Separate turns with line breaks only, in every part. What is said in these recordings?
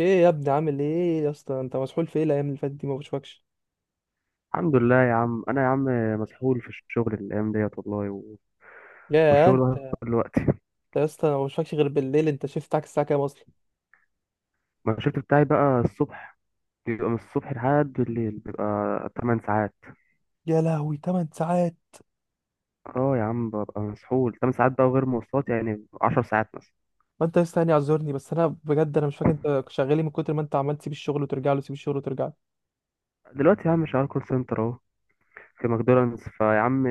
ايه يا ابني، عامل ايه يا اسطى؟ انت مسحول في ايه الايام اللي فاتت دي؟ ما بشوفكش.
الحمد لله يا عم، انا يا عم مسحول في الشغل الايام ديت والله
يا
والشغل
انت
واخد
انت
كل وقتي.
يا اسطى، أنا ما بشوفكش غير بالليل. انت شفت بتاعك الساعه كام اصلا؟
ما الشفت بتاعي بقى الصبح بيبقى من الصبح لحد بالليل، بيبقى 8 ساعات.
يا لهوي، 8 ساعات!
اه يا عم، ببقى مسحول 8 ساعات بقى، وغير مواصلات يعني 10 ساعات مثلا.
ما انت لسه يعني اعذرني، بس انا بجد انا مش فاكر انت شغال إيه من كتر ما انت عمال تسيب الشغل وترجع له، تسيب الشغل وترجع له.
دلوقتي يا عم شغال كول سنتر اهو، في ماكدونالدز فيا عم.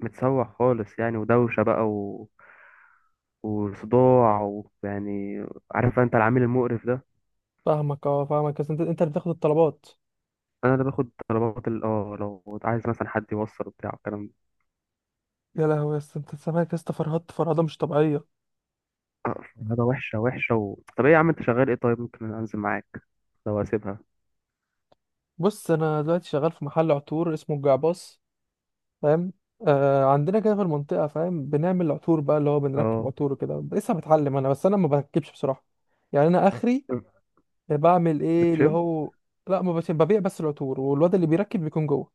متسوح خالص يعني، ودوشة بقى وصداع ويعني، عارف انت العميل المقرف ده.
فاهمك، اه فاهمك. بس انت اللي بتاخد الطلبات؟
انا اللي باخد طلبات لو عايز مثلا حد يوصل، وبتاع الكلام ده.
يا لهوي يا اسطى، انت سامعك يا اسطى، فرهدت فرهده مش طبيعيه.
آه، هذا وحشه وحشه طب ايه يا عم، انت شغال ايه؟ طيب ممكن انزل معاك لو اسيبها.
بص، انا دلوقتي شغال في محل عطور اسمه الجعباص، فاهم؟ آه عندنا كده في المنطقة، فاهم، بنعمل عطور بقى، اللي هو بنركب
اه
عطور وكده. لسه بتعلم انا، بس انا ما بركبش بصراحة. يعني انا اخري بعمل ايه اللي
بتشم.
هو، لا ما بش- ببيع بس العطور، والواد اللي بيركب بيكون جوه.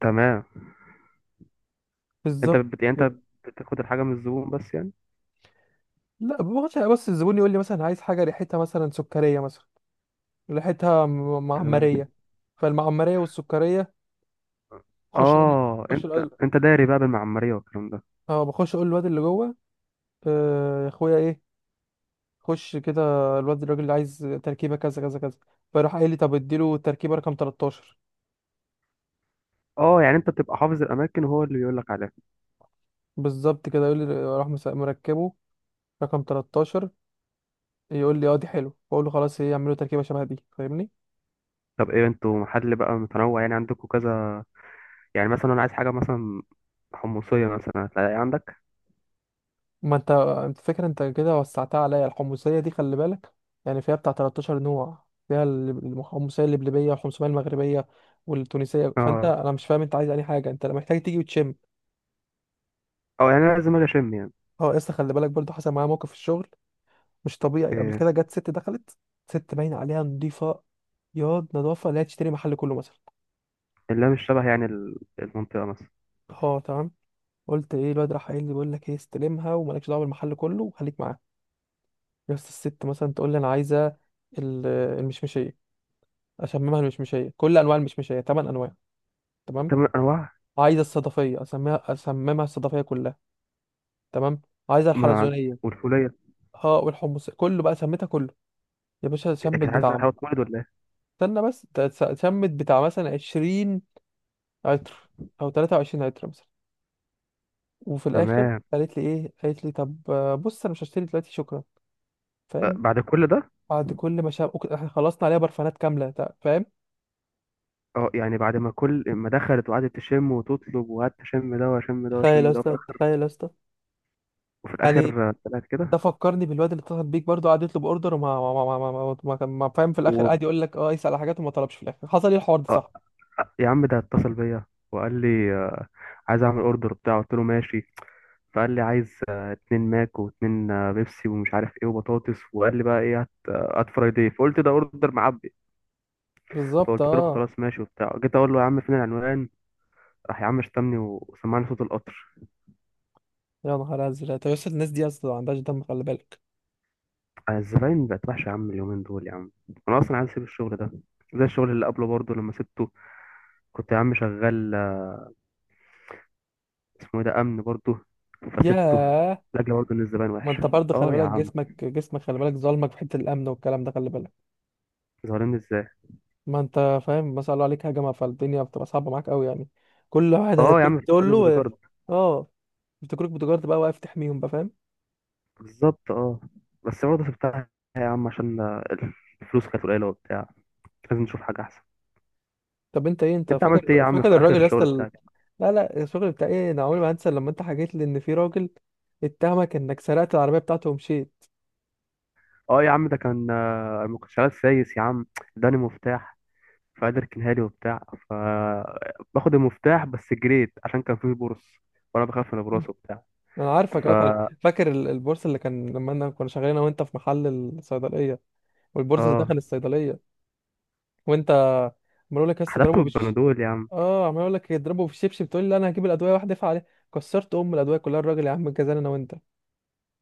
تمام. انت
بالظبط
يعني انت
كده.
بتاخد الحاجه من الزبون بس يعني.
لا باخدش. بس الزبون يقول لي مثلا عايز حاجة ريحتها مثلا سكرية مثلا، ريحتها
تمام.
معمرية. فالمعمرية والسكرية، خش اقول،
اه،
خش
انت
اقول.
انت داري بقى بالمعماريه والكلام ده.
اه بخش اقول للواد اللي جوه: آه يا اخويا، ايه؟ خش كده، الواد الراجل اللي عايز تركيبه كذا كذا كذا. فراح قايل لي: طب اديله التركيبه رقم 13.
اه، يعني انت بتبقى حافظ الاماكن وهو اللي بيقول لك عليها.
بالظبط كده. يقول لي راح مركبه رقم 13. يقول لي اه دي حلو، بقول له خلاص ايه، يعملوا تركيبه شبه دي، فاهمني؟
طب ايه، انتوا محل بقى متنوع يعني، عندكم كذا. يعني مثلا انا عايز حاجه مثلا حمصيه مثلا، هتلاقي عندك؟
ما انت انت فكره انت كده، وسعتها عليا الحمصيه دي، خلي بالك. يعني فيها بتاع 13 نوع، فيها الحمصيه اللبلبيه، والحمصيه المغربيه، والتونسيه. فانت
اه،
انا مش فاهم انت عايز اي حاجه، انت محتاج تيجي وتشم.
اه، يعني انا لازم اجي اشم يعني.
اه لسه، خلي بالك، برضو حصل معايا موقف في الشغل مش طبيعي. قبل
إيه؟
كده جت ست دخلت، ست باين عليها نضيفة، ياض نظافة، لا تشتري محل كله مثلا.
اللي هي مش شبه يعني المنطقة مثلا.
اه تمام. قلت ايه، الواد راح قايل لي: بقول لك ايه، استلمها ومالكش دعوه بالمحل كله، وخليك معاها. بس الست مثلا تقول لي انا عايزه ال- المشمشيه، اسممها المشمشيه كل انواع المشمشيه، ثمان انواع. تمام.
تمن أنواع.
عايزه الصدفيه، اسميها اسممها الصدفيه كلها. تمام. عايزه
مع
الحلزونيه،
والفولية.
اه والحمص كله بقى، سميتها كله. يا باشا،
كان
شمت
عايز
بتاع،
حاجة تولد ولا إيه؟
استنى بس، ده شمت بتاع مثلا 20 عطر او 23 عطر مثلا. وفي الاخر
تمام.
قالت لي ايه، قالت لي: طب آه، بص انا مش هشتري دلوقتي، شكرا.
أه،
فاهم؟
بعد كل ده.
بعد كل ما شاب احنا خلصنا عليها برفانات كامله فاهم.
اه يعني، بعد ما كل ما دخلت وقعدت تشم وتطلب، وقعدت اشم ده واشم ده
تخيل يا
واشم ده، وفي
اسطى،
الاخر
تخيل يا اسطى.
وفي
يعني
الاخر آه، طلعت
ده
كده.
فكرني بالواد اللي اتصل بيك برضه، قعد يطلب اوردر، وما ما ما ما ما, ما, ما, ما فاهم، في الاخر
و
قعد يقول لك اه، يسال على حاجات وما طلبش، في الاخر حصل ايه الحوار ده،
آه،
صح؟
يا عم ده اتصل بيا وقال لي عايز اعمل اوردر بتاع. قلت له ماشي. فقال لي عايز اتنين ماك واتنين بيبسي، ومش عارف ايه وبطاطس، وقال لي بقى ايه، هات فرايدي. فقلت ده اوردر معبي.
بالظبط
فقلت له
اه.
خلاص ماشي وبتاع، جيت اقول له يا عم فين العنوان. راح يا عم شتمني وسمعني صوت القطر.
يا نهار ازرق، طب يا اسطى الناس دي اصلا ما عندهاش دم، خلي بالك.
الزباين بقت وحشه يا عم اليومين دول يا عم. انا اصلا عايز اسيب الشغل ده، زي الشغل اللي قبله برضه لما سبته. كنت يا عم شغال اسمه ايه ده، امن برضه، فسبته.
ياه.
لاجل برضه ان الزباين
ما
وحشه.
انت برضه خلي
اه يا
بالك،
عم،
جسمك جسمك، خلي بالك ظالمك في حته الامن والكلام ده، خلي بالك.
ظالمني ازاي؟
ما انت فاهم مثلا قالوا عليك هجمه، فالدنيا بتبقى صعبه معاك قوي يعني. كل واحد
اه يا
هتروح
عم،
تقول
فكرني بودي
له
جارد.
اه، افتكروك بتجارة بقى، واقف تحميهم بقى، فاهم؟
بالظبط اه. بس برضه سبتها يا عم عشان الفلوس كانت قليله وبتاع. لازم نشوف حاجه احسن.
طب انت ايه، انت
انت عملت ايه يا
فاكر
عم
فاكر
في اخر
الراجل يا اسطى
الشغل بتاعك؟
لا لا، الشغل بتاع ايه، انا عمري ما هنسى لما انت حكيت لي ان في راجل اتهمك انك سرقت العربيه بتاعته ومشيت.
اه يا عم، ده كان ما كنتش عايز سايس يا عم، اداني مفتاح. فقعد يركنها لي وبتاع، ف باخد المفتاح بس جريت عشان كان فيه برص، وانا بخاف من البرص وبتاع.
انا عارفك
ف
اه فاكر البورصه اللي كان، لما انا كنا شغالين انا وانت في محل الصيدليه، والبورصه
اه
دخل الصيدليه، وانت عمال اقول لك يا اسطى
حدفته
اضربه.
بالبنادول يا عم.
اه عمال اقول لك يضربه في الشبشب، تقول لي لا انا هجيب الادويه واحده ادفع عليه، كسرت ام الادويه كلها الراجل يا عم، جزانا انا وانت.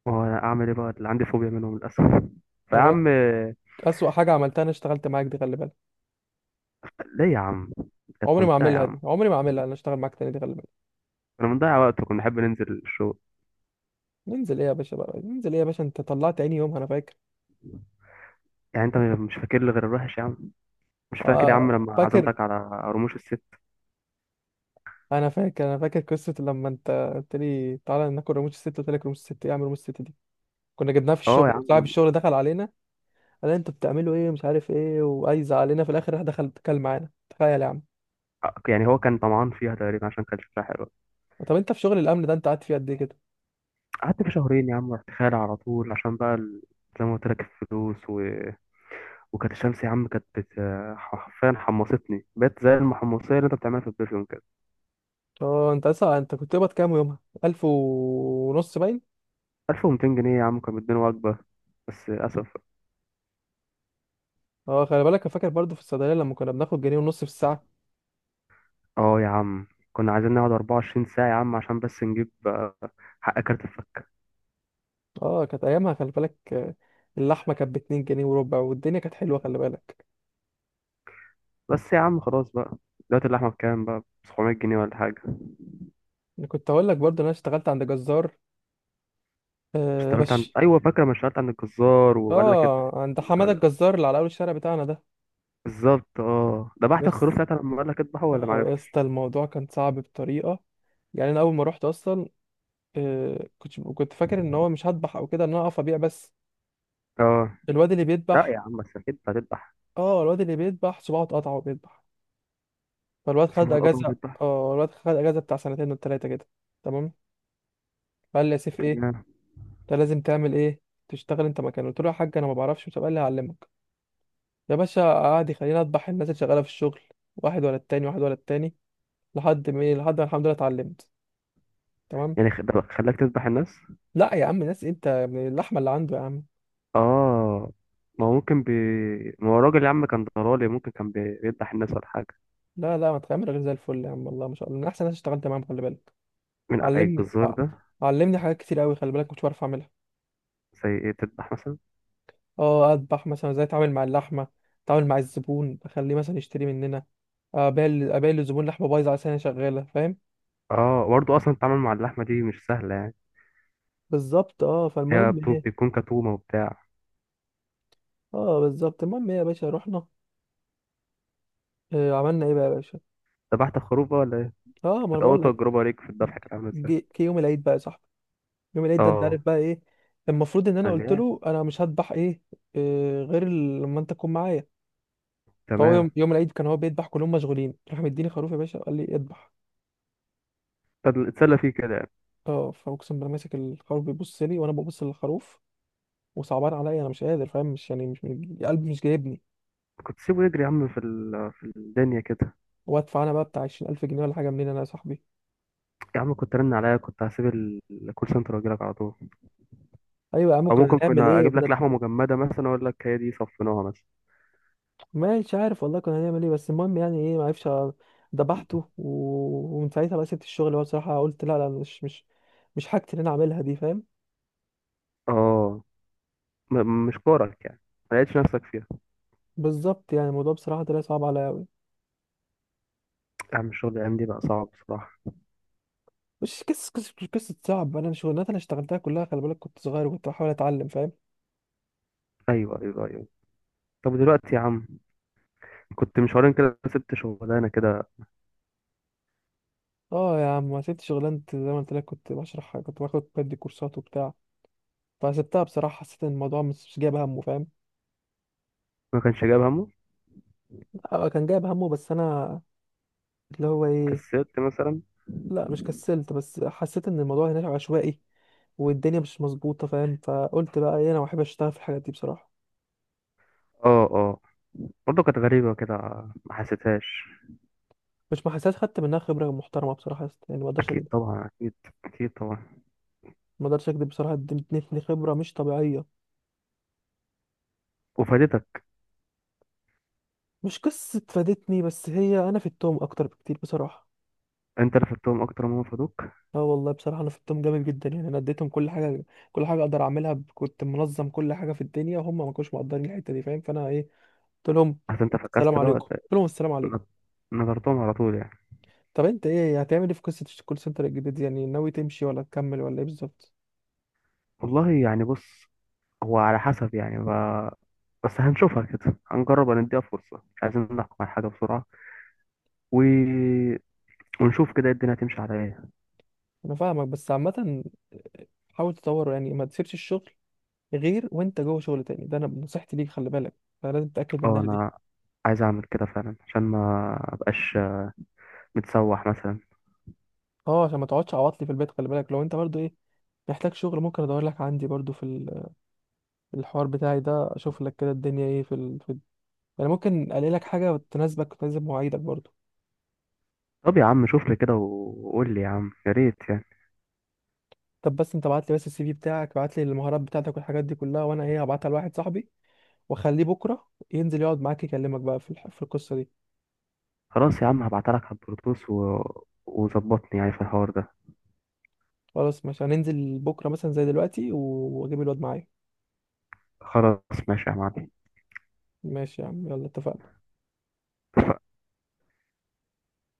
ما هو انا اعمل ايه بقى، اللي عندي فوبيا منهم للاسف. فيا
خلي
عم
بالك، اسوأ حاجه عملتها انا اشتغلت معاك دي، خلي بالك.
ليه يا عم؟ كانت
عمري ما
ممتعه يا
اعملها
عم.
دي، عمري ما اعملها انا اشتغل معاك تاني دي، خلي بالك.
كنا بنضيع وقت وكنا نحب ننزل الشغل.
ننزل ايه يا باشا بقى، ننزل ايه يا باشا، انت طلعت عيني يوم، انا فاكر.
يعني انت مش فاكر لي غير الوحش يا عم؟ مش فاكر يا عم
اه
لما
فاكر.
عزمتك على رموش الست؟
انا فاكر، انا فاكر قصه لما انت قلت لي تعالى ناكل رموش الست، قلت لك رموش الست ايه، اعمل رموش الست دي؟ كنا جبناها في
اه يا
الشغل، صاحب
عم.
الشغل دخل علينا، قال لنا انتوا بتعملوا ايه مش عارف ايه، وعايز علينا، في الاخر راح دخل اتكلم معانا، تخيل يا عم.
يعني هو كان طمعان فيها تقريبا عشان كان شكلها حلو.
طب انت في شغل الامن ده انت قاعد فيه قد ايه كده؟
قعدت في شهرين يا عم، رحت خالع على طول عشان بقى زي ما قلت لك الفلوس وكانت الشمس يا عم كانت حرفيا حمصتني، بقيت زي المحمصية اللي انت بتعملها في البرفيوم كده.
اه انت لسه، انت كنت قبض كام يومها، ألف ونص باين.
1200 جنيه يا عم، كانوا بيدوني وجبة. بس للأسف.
اه خلي بالك، أنا فاكر برضو في الصيدلية لما كنا بناخد جنيه ونص في الساعة.
اه يا عم، كنا عايزين نقعد 24 ساعة يا عم عشان بس نجيب حق كارت الفكة.
اه كانت أيامها، خلي بالك آه، اللحمة كانت باتنين جنيه وربع، والدنيا كانت حلوة، خلي بالك.
بس يا عم خلاص بقى. دلوقتي اللحمة بكام بقى، 700 جنيه ولا حاجة؟
أنا كنت هقول لك برضو إن أنا اشتغلت عند جزار، آه
اشتغلت عند،
بس.
أيوة فاكرة، ما اشتغلت عند الجزار وقال لك
اه عند حمادة الجزار اللي على أول الشارع بتاعنا ده.
بالظبط اه. ذبحت الخروف
بس
ساعتها لما قال لك اذبحه ولا
اه يا
معرفتش؟
اسطى، الموضوع كان صعب بطريقة. يعني أنا أول ما رحت أصلا، آه كنت فاكر إن هو مش هذبح أو كده، إن أنا أقف أبيع بس.
اه.
الواد اللي
لا يا
بيذبح،
عم، بس اكيد هتذبح.
اه الواد اللي بيذبح صباعه اتقطع وهو بيذبح، فالواد خد
سبحان الله
اجازه،
بيذبح.
اه الواد خد اجازه بتاع سنتين ولا ثلاثه كده. تمام. فقال لي: يا سيف ايه،
تمام.
انت لازم تعمل ايه، تشتغل انت مكانه. قلت له يا حاج انا ما بعرفش، مش قال لي هعلمك. يا باشا، قعد يخليني اذبح الناس اللي شغاله في الشغل، واحد ورا التاني، واحد ورا التاني، لحد ما ايه، لحد ما الحمد لله اتعلمت. تمام.
يعني ده خلاك تذبح الناس؟
لا يا عم، ناس انت من اللحمه اللي عنده يا عم.
اه، ما هو ممكن ما هو الراجل يا عم كان ضرالي، ممكن كان بيذبح الناس ولا حاجة.
لا لا، ما تخمر غير زي الفل يا عم، والله ما شاء الله من احسن ناس اشتغلت معاهم، خلي بالك.
من إيه،
علمني
الجزار
ع-
ده؟
علمني حاجات كتير قوي، خلي بالك كنت بعرف اعملها.
زي ايه، تذبح مثلا؟
اه اذبح مثلا، ازاي اتعامل مع اللحمه، اتعامل مع الزبون اخليه مثلا يشتري مننا، ابيع للزبون لحمه بايظه على سنه شغاله، فاهم؟
اه، برضه اصلا التعامل مع اللحمة دي مش سهلة يعني.
بالظبط اه.
هي
فالمهم ايه،
بتكون كتومة وبتاع.
اه بالظبط، المهم ايه يا باشا، رحنا، آه عملنا ايه بقى يا باشا.
ذبحت خروف بقى ولا ايه؟
اه ما انا
كانت أول
بقول لك.
تجربة ليك في الذبح كانت عاملة ازاي؟
جه يوم العيد بقى يا صاحبي، يوم العيد ده انت عارف
اه.
بقى ايه. المفروض ان انا
قال لي
قلت
إيه؟
له انا مش هذبح ايه، آه غير لما انت تكون معايا. فهو
تمام.
يوم العيد كان هو بيذبح، كلهم مشغولين، راح مديني خروف يا باشا، قال لي اذبح.
طب اتسلى فيه كده يعني.
اه فاقسم بالله، ماسك الخروف، بيبص لي وانا ببص للخروف، وصعبان عليا، انا مش قادر، فاهم، مش يعني مش قلبي مش جايبني.
كنت سيبه يجري يا عم في الدنيا كده.
وادفع انا بقى بتاع 20000 جنيه ولا حاجه، منين انا يا صاحبي؟
يا عم كنت رن عليا، كنت هسيب الكول سنتر واجي لك على طول.
ايوه يا عم
او
كنا
ممكن
هنعمل
كنا
ايه
اجيب
كده.
لك لحمه مجمده مثلا، اقول لك هي دي صفيناها مثلا.
مش عارف والله كنا هنعمل ايه، بس المهم يعني ايه، ما عرفش ذبحته و... ومن ساعتها بقى سبت الشغل هو بصراحه، قلت لا لا، مش حاجتي اللي انا اعملها دي، فاهم؟
اه، مش كورك يعني. ما لقيتش نفسك فيها.
بالظبط. يعني الموضوع بصراحه طلع صعب عليا قوي.
يا عم الشغل الايام دي بقى صعب بصراحه.
مش قصه، قصه قصه صعب. انا الشغلانات اللي اشتغلتها كلها خلي بالك كنت صغير، وكنت بحاول اتعلم، فاهم؟
ايوه، ايوه، ايوه. طب دلوقتي يا عم، كنت من شهرين كده سبت شغلانه كده.
اه يا عم، ما سبت شغلانتي زي ما قلت لك، كنت بشرح، كنت باخد بدي كورسات وبتاع. فسبتها بصراحة، حسيت ان الموضوع مش جايب همه، فاهم.
ما كانش جايب همه.
آه، كان جايب همه بس انا، اللي هو ايه.
كسلت مثلا؟
لا مش كسلت، بس حسيت ان الموضوع هناك عشوائي، والدنيا مش مظبوطة، فاهم؟ فقلت بقى ايه، انا ما بحبش اشتغل في الحاجات دي بصراحة.
اه، اه. برضه كانت غريبه كده. ما حسيتهاش.
مش ما حسيت، خدت منها خبرة محترمة بصراحة يا اسطى. يعني ما اقدرش
اكيد
اكذب.
طبعا، اكيد. اكيد طبعا.
ما اقدرش اكذب بصراحة، ادتني خبرة مش طبيعية.
وفادتك؟
مش قصة فادتني، بس هي انا في التوم اكتر بكتير بصراحة.
انت اللي فدتهم اكتر ما هم فادوك.
اه والله بصراحة، انا في التوم جامد جدا، يعني انا اديتهم كل حاجة، كل حاجة اقدر اعملها كنت منظم كل حاجة في الدنيا، وهم ما كانوش مقدرين الحتة دي، فاهم؟ فانا ايه، قلت لهم
عشان انت
السلام
فكست بقى
عليكم، قلت لهم السلام عليكم.
نضرتهم على طول يعني.
طب انت ايه، هتعمل ايه في قصه الكول سنتر الجديد دي؟ يعني ناوي تمشي ولا تكمل ولا ايه بالظبط؟
والله يعني بص، هو على حسب يعني بس هنشوفها كده، هنجرب نديها فرصة، مش عايزين نحكم على حاجة بسرعة و... ونشوف كده الدنيا هتمشي على ايه.
انا فاهمك، بس عامه حاول تطوره، يعني ما تسيبش الشغل غير وانت جوه شغل تاني، ده انا نصيحتي ليك، خلي بالك، فلازم تتاكد
اه،
منها دي.
انا عايز اعمل كده فعلا عشان ما ابقاش متسوح مثلا.
اه عشان ما تقعدش عواطلي في البيت، خلي بالك. لو انت برضو ايه محتاج شغل، ممكن ادور لك عندي برضو في في الحوار بتاعي ده، اشوف لك كده الدنيا ايه يعني ممكن الاقي لك حاجه تناسبك وتناسب مواعيدك برضو.
طب يا عم شوف لي كده وقول لي يا عم يا ريت يعني.
طب بس انت ابعت لي بس السي في بتاعك، ابعت لي المهارات بتاعتك والحاجات دي كلها، وانا ايه، هبعتها لواحد صاحبي، واخليه بكره ينزل يقعد معاك يكلمك بقى في في القصه دي.
خلاص يا عم، هبعتلك على البلوتوث وظبطني يعني في الحوار ده.
خلاص ماشي، هننزل بكره مثلا زي دلوقتي واجيب الواد معايا.
خلاص ماشي يا معلم.
ماشي يا عم، يلا اتفقنا.